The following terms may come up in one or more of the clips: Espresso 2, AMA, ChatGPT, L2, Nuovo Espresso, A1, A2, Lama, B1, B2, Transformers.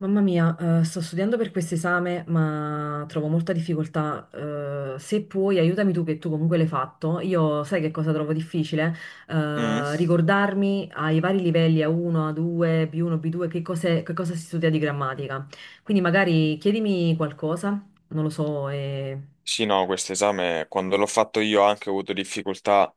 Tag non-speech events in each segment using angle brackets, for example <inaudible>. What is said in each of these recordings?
Mamma mia, sto studiando per questo esame, ma trovo molta difficoltà. Se puoi, aiutami tu, che tu comunque l'hai fatto. Io sai che cosa trovo difficile? Mm. Ricordarmi ai vari livelli, A1, A2, B1, B2, che cosa si studia di grammatica. Quindi magari chiedimi qualcosa, non lo so. Sì, no, questo esame quando l'ho fatto io anche ho avuto difficoltà,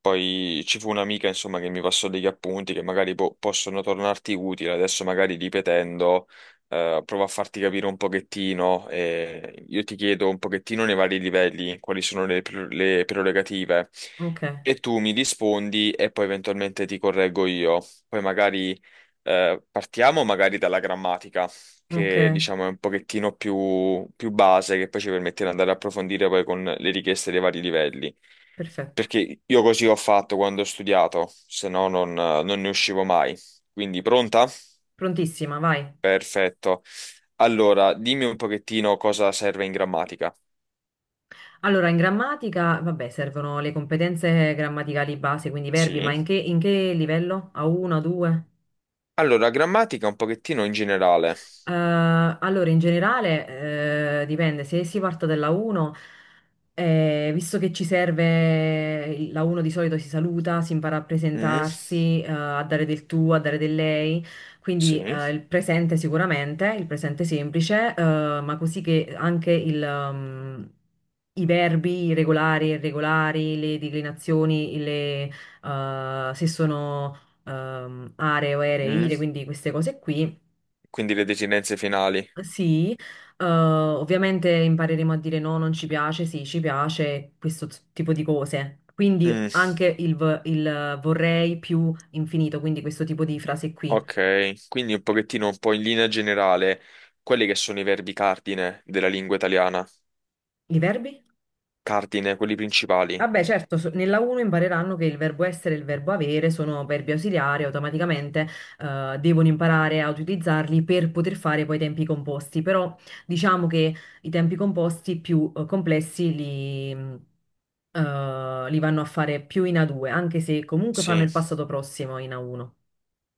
poi ci fu un'amica insomma che mi passò degli appunti che magari possono tornarti utili, adesso magari ripetendo, provo a farti capire un pochettino, io ti chiedo un pochettino nei vari livelli quali sono le, le prerogative Ok, e tu mi rispondi e poi eventualmente ti correggo io, poi magari partiamo magari dalla grammatica, ok, che diciamo è un pochettino più base, che poi ci permette di andare a approfondire poi con le richieste dei vari livelli. perfetto. Perché io così ho fatto quando ho studiato, se no non ne uscivo mai. Quindi pronta? Prontissima, vai. Perfetto. Allora, dimmi un pochettino cosa serve in grammatica. Allora, in grammatica, vabbè, servono le competenze grammaticali base, quindi verbi, ma Sì. in che livello? A1, A2? Allora, grammatica un pochettino in generale. Allora, in generale, dipende, se si parte dalla 1, visto che ci serve, la 1 di solito si saluta, si impara a Mm, presentarsi, a dare del tu, a dare del lei, quindi sì. Il presente sicuramente, il presente semplice, ma così che anche i verbi regolari e irregolari, le declinazioni, se sono aree o aeree, ire, Mm, quindi queste cose qui. Quindi le desinenze finali. Sì, ovviamente impareremo a dire no, non ci piace, sì, ci piace, questo tipo di cose. Quindi Mm. anche il vorrei più infinito, quindi questo tipo di frase qui. Ok, quindi un pochettino, un po' in linea generale, quelli che sono i verbi cardine della lingua italiana, I verbi? cardine, quelli principali. Vabbè, certo, nella 1 impareranno che il verbo essere e il verbo avere sono verbi ausiliari, automaticamente devono imparare a utilizzarli per poter fare poi i tempi composti, però diciamo che i tempi composti più complessi li vanno a fare più in A2, anche se comunque fanno Sì. il passato prossimo in A1.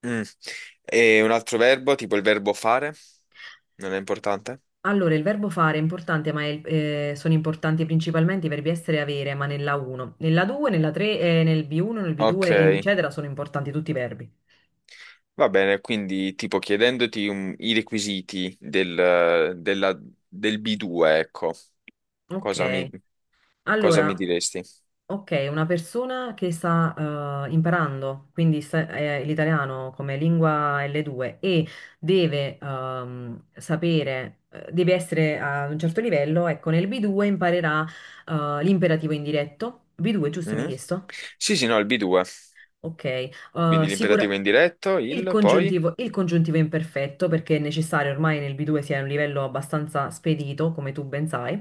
Mm. E un altro verbo, tipo il verbo fare, non è importante? Allora, il verbo fare è importante, ma sono importanti principalmente i verbi essere e avere, ma nella 1. Nella 2, nella 3, nel B1, nel Ok, B2, eccetera, sono importanti tutti i verbi. va bene, quindi tipo chiedendoti i requisiti del B2, ecco, Ok, cosa mi, cosa mi allora, diresti? ok, una persona che sta imparando, quindi l'italiano come lingua L2 e deve sapere, deve essere a un certo livello, ecco, nel B2 imparerà l'imperativo indiretto. B2, giusto, mi hai Mhm. chiesto? Sì, sì, no, il B2, Ok, quindi sicura- l'imperativo indiretto, il il poi, congiuntivo, il congiuntivo è imperfetto perché è necessario ormai nel B2 sia a un livello abbastanza spedito, come tu ben sai.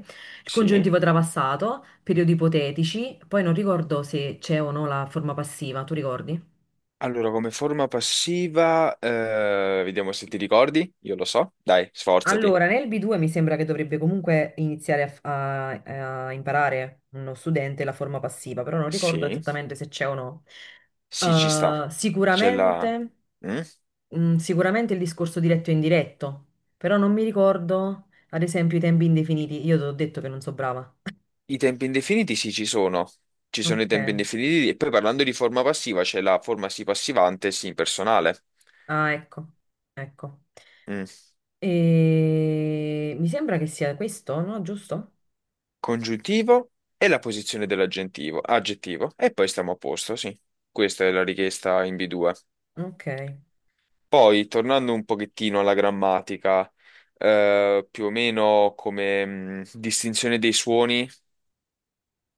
Il sì. congiuntivo trapassato, periodi ipotetici, poi non ricordo se c'è o no la forma passiva, tu ricordi? Allora, come forma passiva, vediamo se ti ricordi. Io lo so. Dai, sforzati. Allora, nel B2 mi sembra che dovrebbe comunque iniziare a imparare uno studente la forma passiva, però non ricordo Sì. esattamente se c'è o no. Sì, ci sta. Eh, C'è la. sicuramente. Mm? Sicuramente il discorso diretto e indiretto, però non mi ricordo, ad esempio, i tempi indefiniti. Io ti ho detto che non so brava. I tempi indefiniti, sì, ci sono. Ci sono i Ok. tempi indefiniti. E poi parlando di forma passiva, c'è la forma sì passivante, sì impersonale. Ah, ecco. Ecco. Mm. E mi sembra che sia questo, no? Giusto? Congiuntivo e la posizione dell'aggettivo. Aggettivo. E poi stiamo a posto, sì. Questa è la richiesta in B2. Ok. Poi, tornando un pochettino alla grammatica, più o meno come distinzione dei suoni,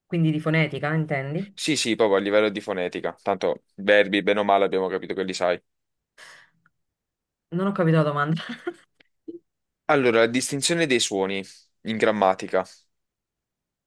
Quindi di fonetica, intendi? sì, sì, proprio a livello di fonetica, tanto verbi, bene o male, abbiamo capito che li sai. Non ho capito la domanda. <laughs> Allora, la distinzione dei suoni in grammatica,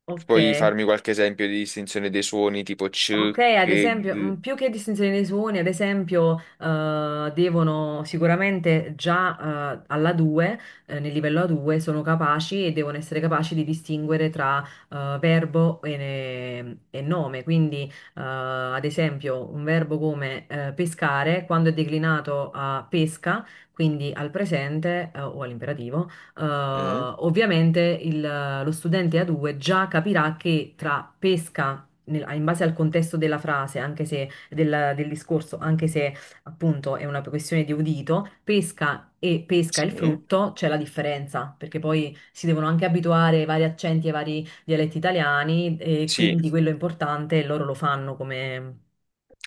Ok. puoi farmi qualche esempio di distinzione dei suoni tipo c, Ok, ad che, esempio, g? Più che distinzione dei suoni, ad esempio, devono sicuramente già alla 2, nel livello A2, sono capaci e devono essere capaci di distinguere tra verbo e nome. Quindi, ad esempio, un verbo come pescare, quando è declinato a pesca, quindi al presente o all'imperativo, Mm? ovviamente lo studente A2 già capirà che tra pesca in base al contesto della frase, anche se del discorso, anche se appunto è una questione di udito, pesca e pesca il Sì. frutto, c'è la differenza, perché poi si devono anche abituare ai vari accenti e ai vari dialetti italiani e Sì, quindi quello è importante e loro lo fanno come,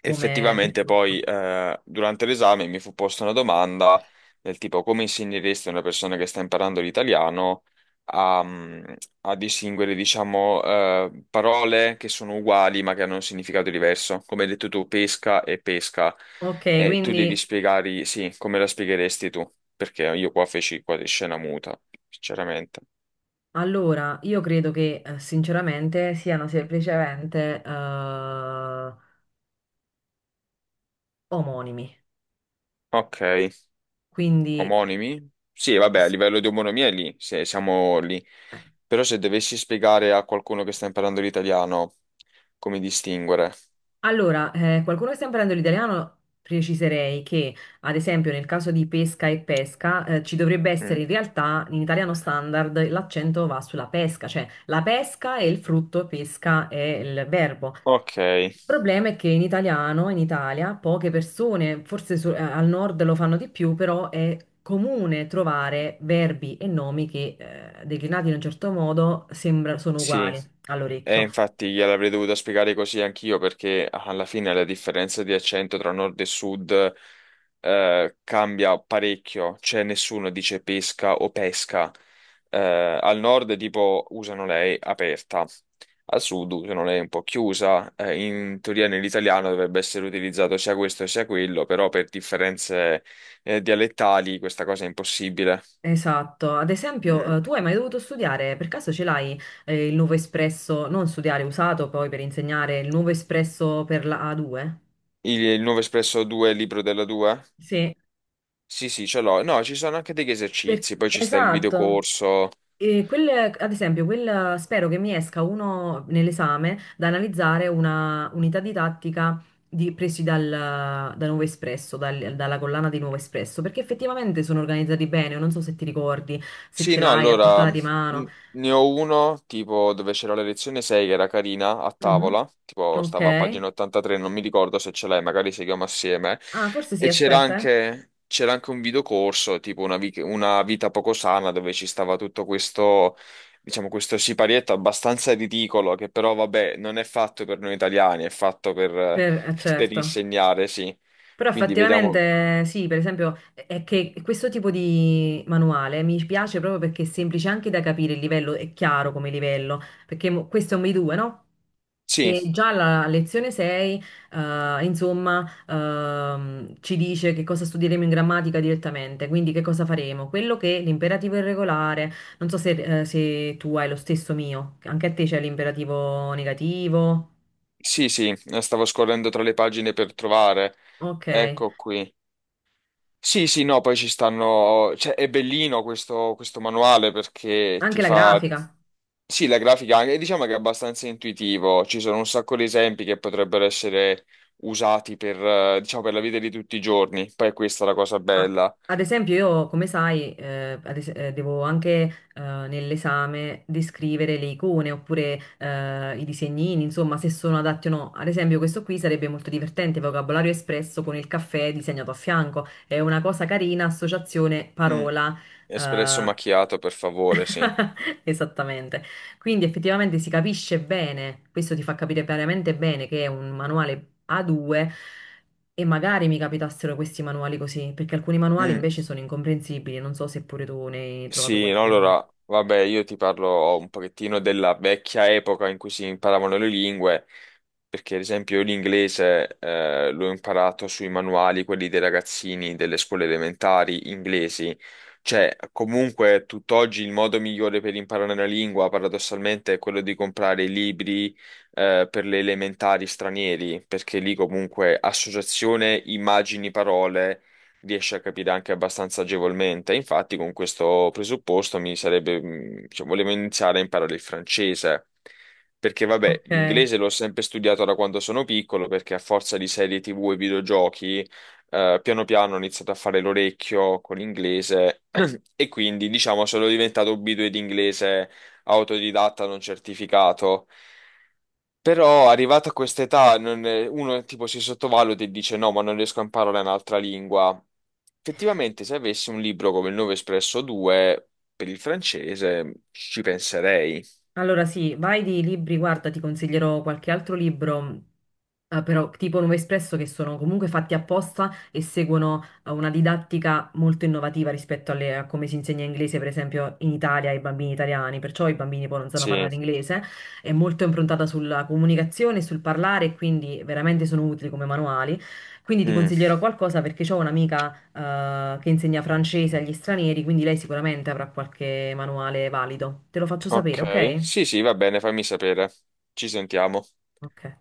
come effettivamente poi percorso. Durante l'esame mi fu posta una domanda del tipo come insegneresti a una persona che sta imparando l'italiano a, mm, a distinguere, diciamo, parole che sono uguali ma che hanno un significato diverso. Come hai detto tu, pesca e pesca. Ok, E tu devi quindi spiegare, sì, come la spiegheresti tu? Perché io qua feci quasi scena muta, sinceramente. allora io credo che sinceramente siano semplicemente omonimi, Ok. quindi. Omonimi? Sì, vabbè, a s- livello di omonimia è lì, se siamo lì. eh, Però se dovessi spiegare a qualcuno che sta imparando l'italiano come distinguere. Allora, qualcuno che sta imparando l'italiano, preciserei che, ad esempio, nel caso di pesca e pesca, ci dovrebbe essere Mm. in realtà, in italiano standard, l'accento va sulla pesca, cioè la pesca è il frutto, pesca è il verbo. Ok, Il problema è che in italiano, in Italia, poche persone, forse al nord lo fanno di più, però è comune trovare verbi e nomi che, declinati in un certo modo, sono sì. uguali E all'orecchio. infatti gliel'avrei dovuto spiegare così anch'io perché alla fine la differenza di accento tra nord e sud cambia parecchio, cioè nessuno dice pesca o pesca. Eh, al nord tipo usano lei aperta, al sud usano lei un po' chiusa. In teoria nell'italiano dovrebbe essere utilizzato sia questo sia quello, però per differenze dialettali questa cosa è impossibile. Esatto, ad esempio, Mm. Tu hai mai dovuto studiare, per caso ce l'hai il nuovo espresso, non studiare usato poi per insegnare il nuovo espresso per la A2? Il nuovo Espresso 2, libro della 2? Sì, Sì, sì, ce l'ho. No, ci sono anche degli esercizi, poi ci sta il esatto. videocorso. E quel, ad esempio, quel, spero che mi esca uno nell'esame da analizzare una unità didattica presi da Nuovo Espresso, dalla collana di Nuovo Espresso, perché effettivamente sono organizzati bene, non so se ti ricordi, se Sì, ce no, l'hai a allora portata di mano. ne ho uno tipo dove c'era la lezione 6 che era carina a Mhm. tavola, tipo Ok. stava a pagina 83, non mi ricordo se ce l'hai, magari seguiamo assieme. Ah, forse sì, E c'era aspetta. anche, c'era anche un videocorso, tipo una vita poco sana, dove ci stava tutto questo, diciamo, questo siparietto abbastanza ridicolo, che però, vabbè, non è fatto per noi italiani, è fatto per Per, per certo. insegnare, sì. Però Quindi vediamo. effettivamente sì, per esempio, è che questo tipo di manuale mi piace proprio perché è semplice anche da capire il livello, è chiaro come livello, perché questo è un B2, no? Sì, E già la lezione 6, insomma, ci dice che cosa studieremo in grammatica direttamente, quindi che cosa faremo, quello che è l'imperativo irregolare, non so se tu hai lo stesso mio, anche a te c'è l'imperativo negativo, sì, sì, stavo scorrendo tra le pagine per trovare. ok. Ecco qui. Sì, sì, no, poi ci stanno. Cioè, è bellino questo manuale perché Anche ti la fa. grafica. Sì, la grafica anche, diciamo che è abbastanza intuitivo. Ci sono un sacco di esempi che potrebbero essere usati per, diciamo, per la vita di tutti i giorni. Poi questa è la cosa Ah, bella. ad esempio, io, come sai, devo anche nell'esame descrivere le icone oppure i disegnini, insomma, se sono adatti o no. Ad esempio, questo qui sarebbe molto divertente, vocabolario espresso con il caffè disegnato a fianco. È una cosa carina, associazione, Mm, parola. Espresso eh, macchiato, per favore, sì. <laughs> Esattamente. Quindi effettivamente si capisce bene, questo ti fa capire veramente bene che è un manuale A2 e magari mi capitassero questi manuali così, perché alcuni manuali Mm. invece sono incomprensibili, non so se pure tu ne hai trovato Sì, no, qualcuno. allora, vabbè, io ti parlo un pochettino della vecchia epoca in cui si imparavano le lingue, perché ad esempio io l'inglese l'ho imparato sui manuali, quelli dei ragazzini delle scuole elementari inglesi. Cioè, comunque, tutt'oggi il modo migliore per imparare una lingua, paradossalmente, è quello di comprare i libri per le elementari stranieri, perché lì comunque associazione, immagini, parole riesce a capire anche abbastanza agevolmente. Infatti, con questo presupposto mi sarebbe, cioè, volevo iniziare a imparare il francese. Perché, vabbè, Ok, l'inglese l'ho sempre studiato da quando sono piccolo, perché a forza di serie TV e videogiochi, piano piano ho iniziato a fare l'orecchio con l'inglese <clears throat> e quindi, diciamo, sono diventato B2 di inglese autodidatta non certificato. Però arrivato a questa età non è- uno tipo si sottovaluta e dice no, ma non riesco a imparare un'altra lingua. Effettivamente, se avessi un libro come il 9 Espresso 2 per il francese, ci penserei. allora sì, vai di libri, guarda, ti consiglierò qualche altro libro, però tipo Nuovo Espresso, che sono comunque fatti apposta e seguono una didattica molto innovativa rispetto a come si insegna inglese, per esempio, in Italia ai bambini italiani, perciò i bambini poi non sanno Sì. parlare inglese, è molto improntata sulla comunicazione, sul parlare, e quindi veramente sono utili come manuali. Quindi ti Mm, consiglierò qualcosa perché ho un'amica che insegna francese agli stranieri, quindi lei sicuramente avrà qualche manuale valido. Te lo faccio sapere, ok. ok? Sì, sì, va bene, fammi sapere. Ci sentiamo. Ok.